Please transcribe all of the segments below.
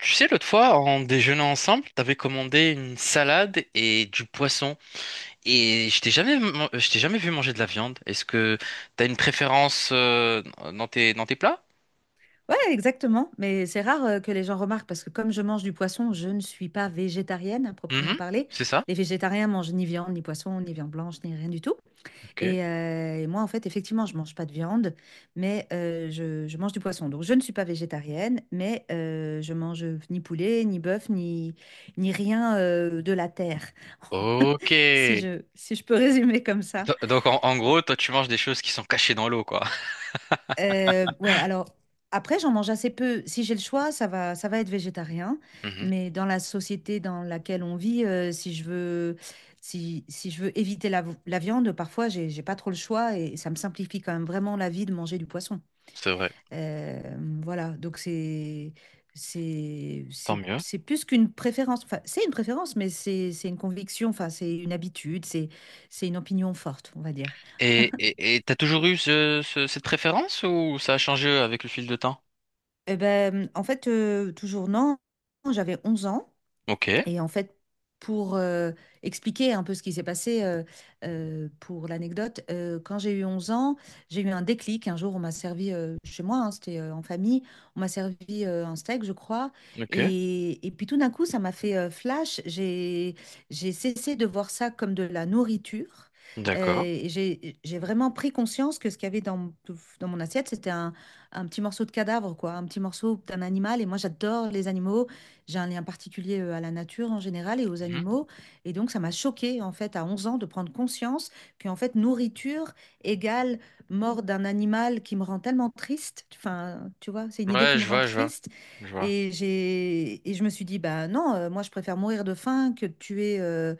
Tu sais, l'autre fois, en déjeunant ensemble, t'avais commandé une salade et du poisson. Et je t'ai jamais vu manger de la viande. Est-ce que t'as une préférence dans tes plats? Ouais, exactement. Mais c'est rare que les gens remarquent parce que comme je mange du poisson, je ne suis pas végétarienne à proprement Mhm, parler. c'est ça? Les végétariens mangent ni viande, ni poisson, ni viande blanche, ni rien du tout. Ok. Et moi, en fait, effectivement, je mange pas de viande, mais je mange du poisson. Donc, je ne suis pas végétarienne, mais je mange ni poulet, ni bœuf, ni rien de la terre, Ok. Si je peux résumer comme ça. Donc, en gros, toi, tu manges des choses qui sont cachées dans l'eau, quoi. Ouais, alors après, j'en mange assez peu. Si j'ai le choix, ça va être végétarien. Mhm, Mais dans la société dans laquelle on vit, si je veux éviter la viande, parfois, j'ai pas trop le choix et ça me simplifie quand même vraiment la vie de manger du poisson. c'est vrai. Euh, voilà, donc c'est, c'est, Tant c'est, mieux. c'est plus qu'une préférence. Enfin, c'est une préférence, mais c'est une conviction. Enfin, c'est une habitude. C'est une opinion forte, on va dire. Et, et t'as toujours eu cette préférence ou ça a changé avec le fil de temps? Eh ben, en fait, toujours non. J'avais 11 ans. Ok, Et en fait, pour expliquer un peu ce qui s'est passé, pour l'anecdote, quand j'ai eu 11 ans, j'ai eu un déclic. Un jour, on m'a servi chez moi, hein, c'était en famille, on m'a servi un steak, je crois. ok, Et puis tout d'un coup, ça m'a fait flash. J'ai cessé de voir ça comme de la nourriture. D'accord. Et j'ai vraiment pris conscience que ce qu'il y avait dans mon assiette, c'était un petit morceau de cadavre, quoi, un petit morceau d'un animal. Et moi, j'adore les animaux. J'ai un lien particulier à la nature en général et aux Mhm. animaux. Et donc, ça m'a choquée, en fait, à 11 ans, de prendre conscience qu'en fait, nourriture égale mort d'un animal qui me rend tellement triste. Enfin, tu vois, c'est une idée Ouais, qui me je rend vois, je vois, triste. je vois. Et je me suis dit, bah non, moi, je préfère mourir de faim que de tuer,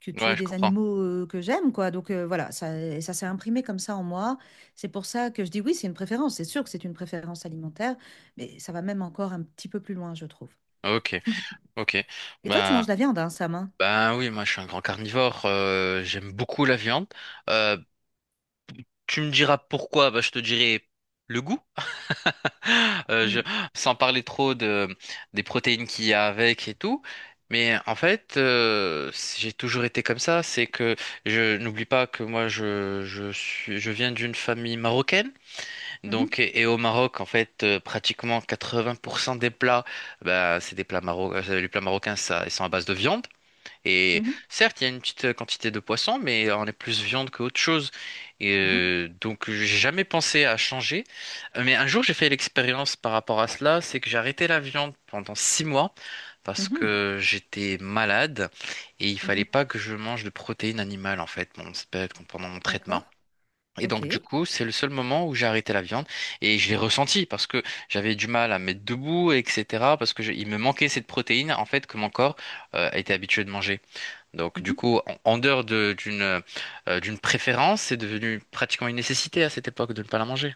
que Ouais, tuer je des comprends. animaux que j'aime, quoi. Donc, voilà, ça, et ça s'est imprimé comme ça en moi. C'est pour ça que je dis oui, c'est une préférence. C'est sûr que c'est une préférence alimentaire, mais ça va même encore un petit peu plus loin, je trouve. Ok, ok. Et toi, tu manges Ben, de la viande, hein, Sam, hein? ben oui, moi je suis un grand carnivore. J'aime beaucoup la viande. Euh, Tu me diras pourquoi, ben, je te dirai le goût. Euh, je, Mmh. Sans parler trop des protéines qu'il y a avec et tout. Mais en fait, j'ai toujours été comme ça. C'est que je n'oublie pas que moi, je viens d'une famille marocaine. Mmh mh. Donc, et au Maroc, en fait, pratiquement 80% des plats, bah, c'est des plats marocains. Les plats marocains, ça, ils sont à base de viande. Et Mmh mh. certes, il y a une petite quantité de poisson, mais on est plus viande qu'autre chose. Mmh. Donc, j'ai jamais pensé à changer. Mais un jour, j'ai fait l'expérience par rapport à cela, c'est que j'ai arrêté la viande pendant 6 mois parce Mmh. que j'étais malade et il fallait Mmh. pas que je mange de protéines animales en fait, mon spectre, pendant mon traitement. D'accord. Et donc du OK. coup, c'est le seul moment où j'ai arrêté la viande et je l'ai ressenti parce que j'avais du mal à me mettre debout, etc. Parce que il me manquait cette protéine en fait que mon corps était habitué de manger. Donc du Mmh. coup, en dehors d'une préférence, c'est devenu pratiquement une nécessité à cette époque de ne pas la manger.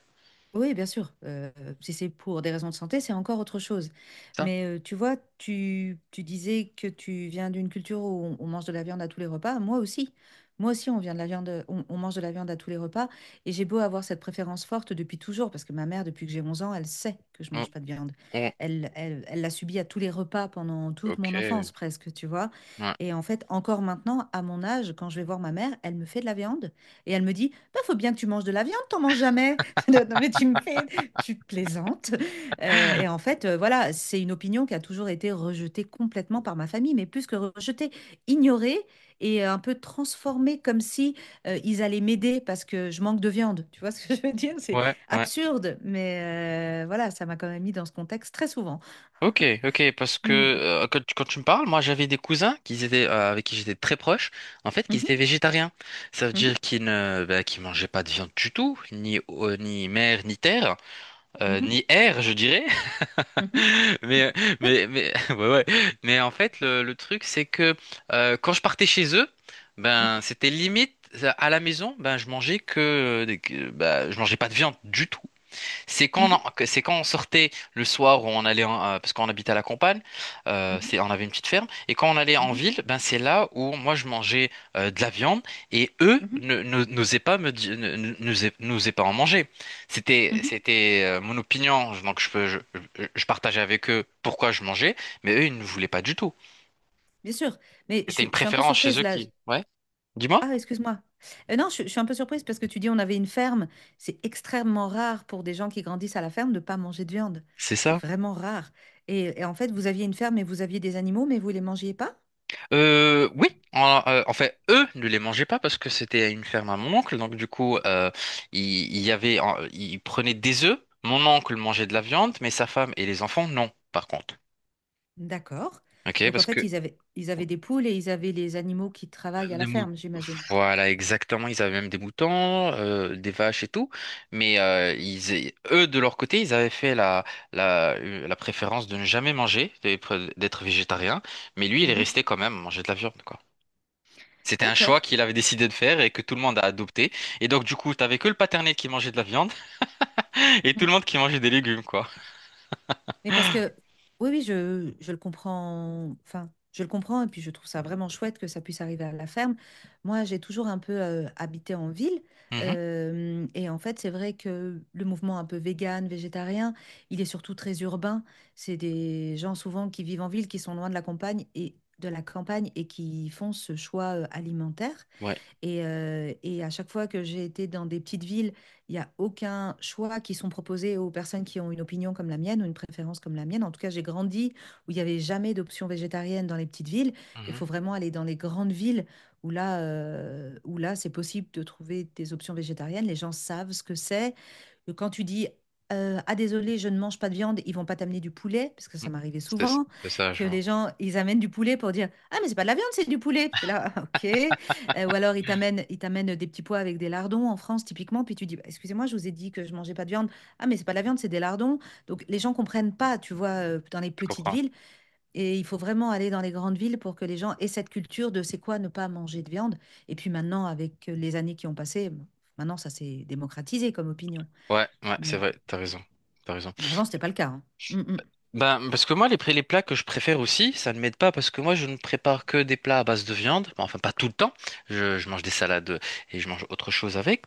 Oui, bien sûr. Si c'est pour des raisons de santé, c'est encore autre chose. C'est ça? Mais tu vois, tu disais que tu viens d'une culture où on mange de la viande à tous les repas. Moi aussi. Moi aussi, on vient de la viande, on mange de la viande à tous les repas. Et j'ai beau avoir cette préférence forte depuis toujours, parce que ma mère, depuis que j'ai 11 ans, elle sait que je Oh, mange pas de viande. Elle l'a subi à tous les repas pendant toute mon ok. enfance, presque, tu vois. Ouais, Et en fait, encore maintenant, à mon âge, quand je vais voir ma mère, elle me fait de la viande. Et elle me dit, bah, faut bien que tu manges de la viande, t'en manges jamais. Non, mais tu me fais, tu plaisantes. Et en fait, voilà, c'est une opinion qui a toujours été rejetée complètement par ma famille, mais plus que rejetée, ignorée et un peu transformée comme si ils allaient m'aider parce que je manque de viande. Tu vois ce que je veux dire? C'est ouais, ouais. absurde, mais voilà, ça m'a quand même mis dans ce contexte très souvent. Ok, ok, parce que Mm. Quand tu me parles, moi j'avais des cousins qui étaient avec qui j'étais très proche, en fait, qui Mhm, étaient végétariens. Ça veut mhm, dire qu'ils ne bah, qu'ils mangeaient pas de viande du tout, ni ni mer, ni terre, mhm, ni air, je dirais. mhm, Mais, mais, ouais, ouais. Mais en fait, le truc, c'est que quand je partais chez eux, mhm, ben, c'était limite à la maison, ben, je mangeais que, des- que- ben, je mangeais pas de viande du tout. C'est quand, on mhm, en- que- c'est quand on sortait le soir où parce qu'on habitait à la campagne, on avait une petite ferme et quand on allait en mhm, ville, ben c'est là où moi je mangeais de la viande et eux mhm, n'osaient pas me di- ne- ne- n'osaient n'osaient pas en manger. C'était mhm, mhm. c'était euh, mon opinion donc je partageais avec eux pourquoi je mangeais mais eux ils ne voulaient pas du tout. Bien sûr, mais je, C'était une suis je suis un peu préférence chez surprise eux là. qui, ouais, dis-moi. Ah, excuse-moi. Non, je suis un peu surprise parce que tu dis on avait une ferme. C'est extrêmement rare pour des gens qui grandissent à la ferme de ne pas manger de viande. C'est C'est ça. vraiment rare. Et en fait, vous aviez une ferme et vous aviez des animaux, mais vous les mangiez pas? Oui, en fait, eux ne les mangeaient pas parce que c'était à une ferme à mon oncle. Donc du coup, il, il y avait, il prenait des œufs. Mon oncle mangeait de la viande, mais sa femme et les enfants non, par contre. D'accord. Ok, Donc en parce fait, que ils avaient des poules et ils avaient les animaux qui travaillent à les la mout- ferme, j'imagine. Voilà, exactement. Ils avaient même des moutons, des vaches et tout. Mais eux, de leur côté, ils avaient fait la préférence de ne jamais manger, d'être végétarien. Mais lui, il est Mhm. resté quand même manger de la viande, quoi. C'était un D'accord. choix qu'il avait décidé de faire et que tout le monde a adopté. Et donc, du coup, t'avais que le paternel qui mangeait de la viande et tout le monde qui mangeait des légumes, quoi. Mais parce que, oui, oui, je le comprends, enfin, je le comprends, et puis je trouve ça vraiment chouette que ça puisse arriver à la ferme. Moi, j'ai toujours un peu habité en ville, Mhm. Et en fait, c'est vrai que le mouvement un peu vegan, végétarien, il est surtout très urbain. C'est des gens souvent qui vivent en ville, qui sont loin de la campagne et qui font ce choix alimentaire. Ouais. Et à chaque fois que j'ai été dans des petites villes, il n'y a aucun choix qui sont proposés aux personnes qui ont une opinion comme la mienne ou une préférence comme la mienne. En tout cas, j'ai grandi où il n'y avait jamais d'option végétarienne dans les petites villes. Il Mhm. faut vraiment aller dans les grandes villes où là, c'est possible de trouver des options végétariennes. Les gens savent ce que c'est que quand tu dis ah désolé, je ne mange pas de viande, ils vont pas t'amener du poulet, parce que Mm. ça m'arrivait C'était- souvent, C'est ça, que je les vois. gens, ils amènent du poulet pour dire ah mais c'est pas de la viande, c'est du poulet. T'es là, ah, ok. Ou alors ils t'amènent des petits pois avec des lardons en France typiquement, puis tu dis bah, excusez-moi, je vous ai dit que je mangeais pas de viande. Ah mais c'est pas de la viande, c'est des lardons. Donc les gens comprennent pas, tu vois, dans les Je petites comprends. villes, et il faut vraiment aller dans les grandes villes pour que les gens aient cette culture de c'est quoi ne pas manger de viande. Et puis maintenant, avec les années qui ont passé, maintenant ça s'est démocratisé comme opinion, Ouais, ouais, c'est mais vrai, t'as raison. T'as raison. mais avant, c'était pas le cas, hein. Mm, mm. Ben, parce que moi, les plats que je préfère aussi, ça ne m'aide pas parce que moi, je ne prépare que des plats à base de viande. Bon, enfin, pas tout le temps. Je mange des salades et je mange autre chose avec.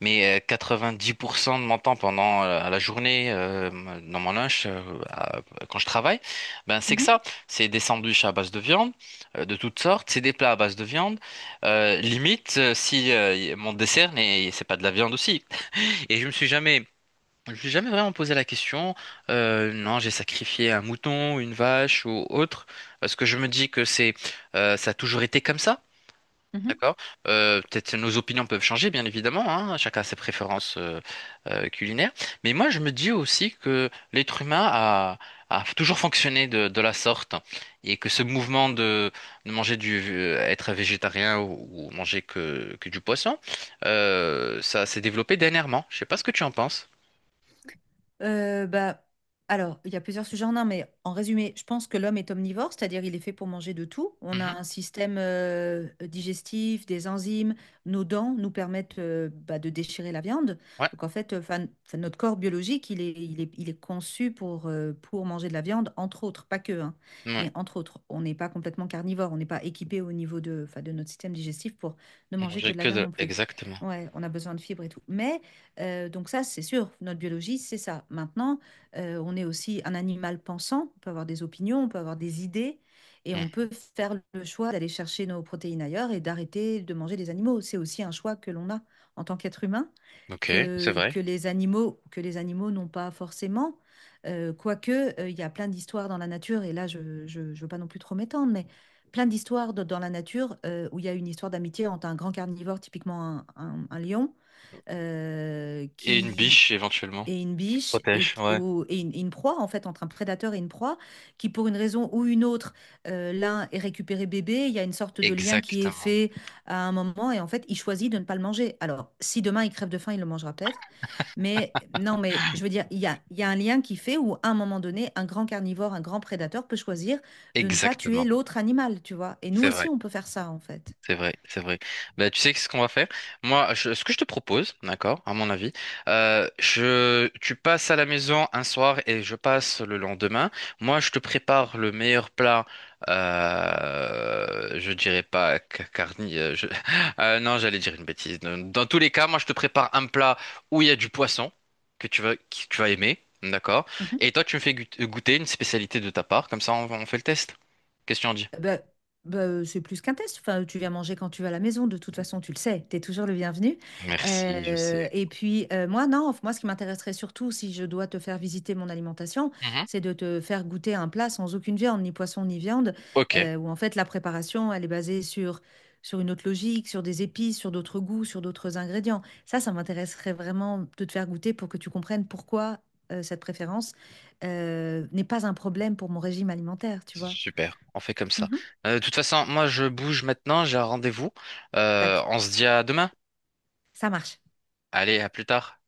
Mais 90% de mon temps pendant la journée, dans mon lunch, à- quand je travaille, ben c'est que Mhm, ça. C'est des sandwichs à base de viande, de toutes sortes. C'est des plats à base de viande. Limite, si mon dessert, c'est pas de la viande aussi. Et je me suis jamais vraiment posé la question. Non, j'ai sacrifié un mouton, une vache ou autre, parce que je me dis que ça a toujours été comme ça, mhm. d'accord? Peut-être que nos opinions peuvent changer, bien évidemment, hein, chacun a ses préférences culinaires. Mais moi, je me dis aussi que l'être humain a toujours fonctionné de la sorte et que ce mouvement de, être végétarien ou manger que du poisson, ça s'est développé dernièrement. Je sais pas ce que tu en penses. Bah, alors, il y a plusieurs sujets en un, mais en résumé, je pense que l'homme est omnivore, c'est-à-dire il est fait pour manger de tout. On a Mhm. un système digestif, des enzymes, nos dents nous permettent bah, de déchirer la viande. Ouais. Donc en fait, 'fin, notre corps biologique, il est conçu pour manger de la viande, entre autres, pas que, hein, Ouais, mais entre autres. On n'est pas complètement carnivore, on n'est pas équipé au niveau de, 'fin, de notre système digestif pour ne manger manger que de la que viande de... non plus. Exactement. Ouais, on a besoin de fibres et tout. Mais donc ça, c'est sûr, notre biologie, c'est ça. Maintenant, on est aussi un animal pensant, on peut avoir des opinions, on peut avoir des idées, et on Hmm. peut faire le choix d'aller chercher nos protéines ailleurs et d'arrêter de manger des animaux. C'est aussi un choix que l'on a en tant qu'être humain, Ok, c'est que, vrai. que les animaux, que les animaux n'ont pas forcément. Quoique, il y a plein d'histoires dans la nature, et là, je ne veux pas non plus trop m'étendre, mais plein d'histoires dans la nature où il y a une histoire d'amitié entre un grand carnivore, typiquement un lion, Et une qui biche éventuellement. est une biche et, Protège, ouais. ou- et une proie, en fait, entre un prédateur et une proie, qui pour une raison ou une autre, l'un est récupéré bébé, il y a une sorte de lien qui est Exactement. fait à un moment et en fait, il choisit de ne pas le manger. Alors, si demain il crève de faim, il le mangera peut-être, mais non, mais je veux dire, il y a un lien qui fait où à un moment donné, un grand carnivore, un grand prédateur peut choisir de ne pas tuer Exactement. l'autre animal, tu vois. Et nous C'est vrai. aussi, on peut faire ça, en fait. C'est vrai, c'est vrai. Bah, tu sais ce qu'on va faire? Moi, ce que je te propose, d'accord, à mon avis, tu passes à la maison un soir et je passe le lendemain. Moi, je te prépare le meilleur plat. Je dirais pas carni. Non, j'allais dire une bêtise. Dans tous les cas, moi, je te prépare un plat où il y a du poisson que tu vas aimer, d'accord? Mhm. Et toi, tu me fais goûter une spécialité de ta part. Comme ça, on fait le test. Question dit. Bah, bah, c'est plus qu'un test. Enfin, tu viens manger quand tu vas à la maison. De toute façon, tu le sais. Tu es toujours le bienvenu. Merci, je sais. Et puis, moi, non. Enfin, moi, ce qui m'intéresserait surtout, si je dois te faire visiter mon alimentation, Mhm. c'est de te faire goûter un plat sans aucune viande, ni poisson, ni viande, Ok. Où en fait, la préparation, elle est basée sur une autre logique, sur des épices, sur d'autres goûts, sur d'autres ingrédients. Ça m'intéresserait vraiment de te faire goûter pour que tu comprennes pourquoi, cette préférence, n'est pas un problème pour mon régime alimentaire, tu vois. Super, on fait comme ça. Mhm. De toute façon, moi je bouge maintenant, j'ai un rendez-vous. Tac. On se dit à demain. Ça marche. Allez, à plus tard.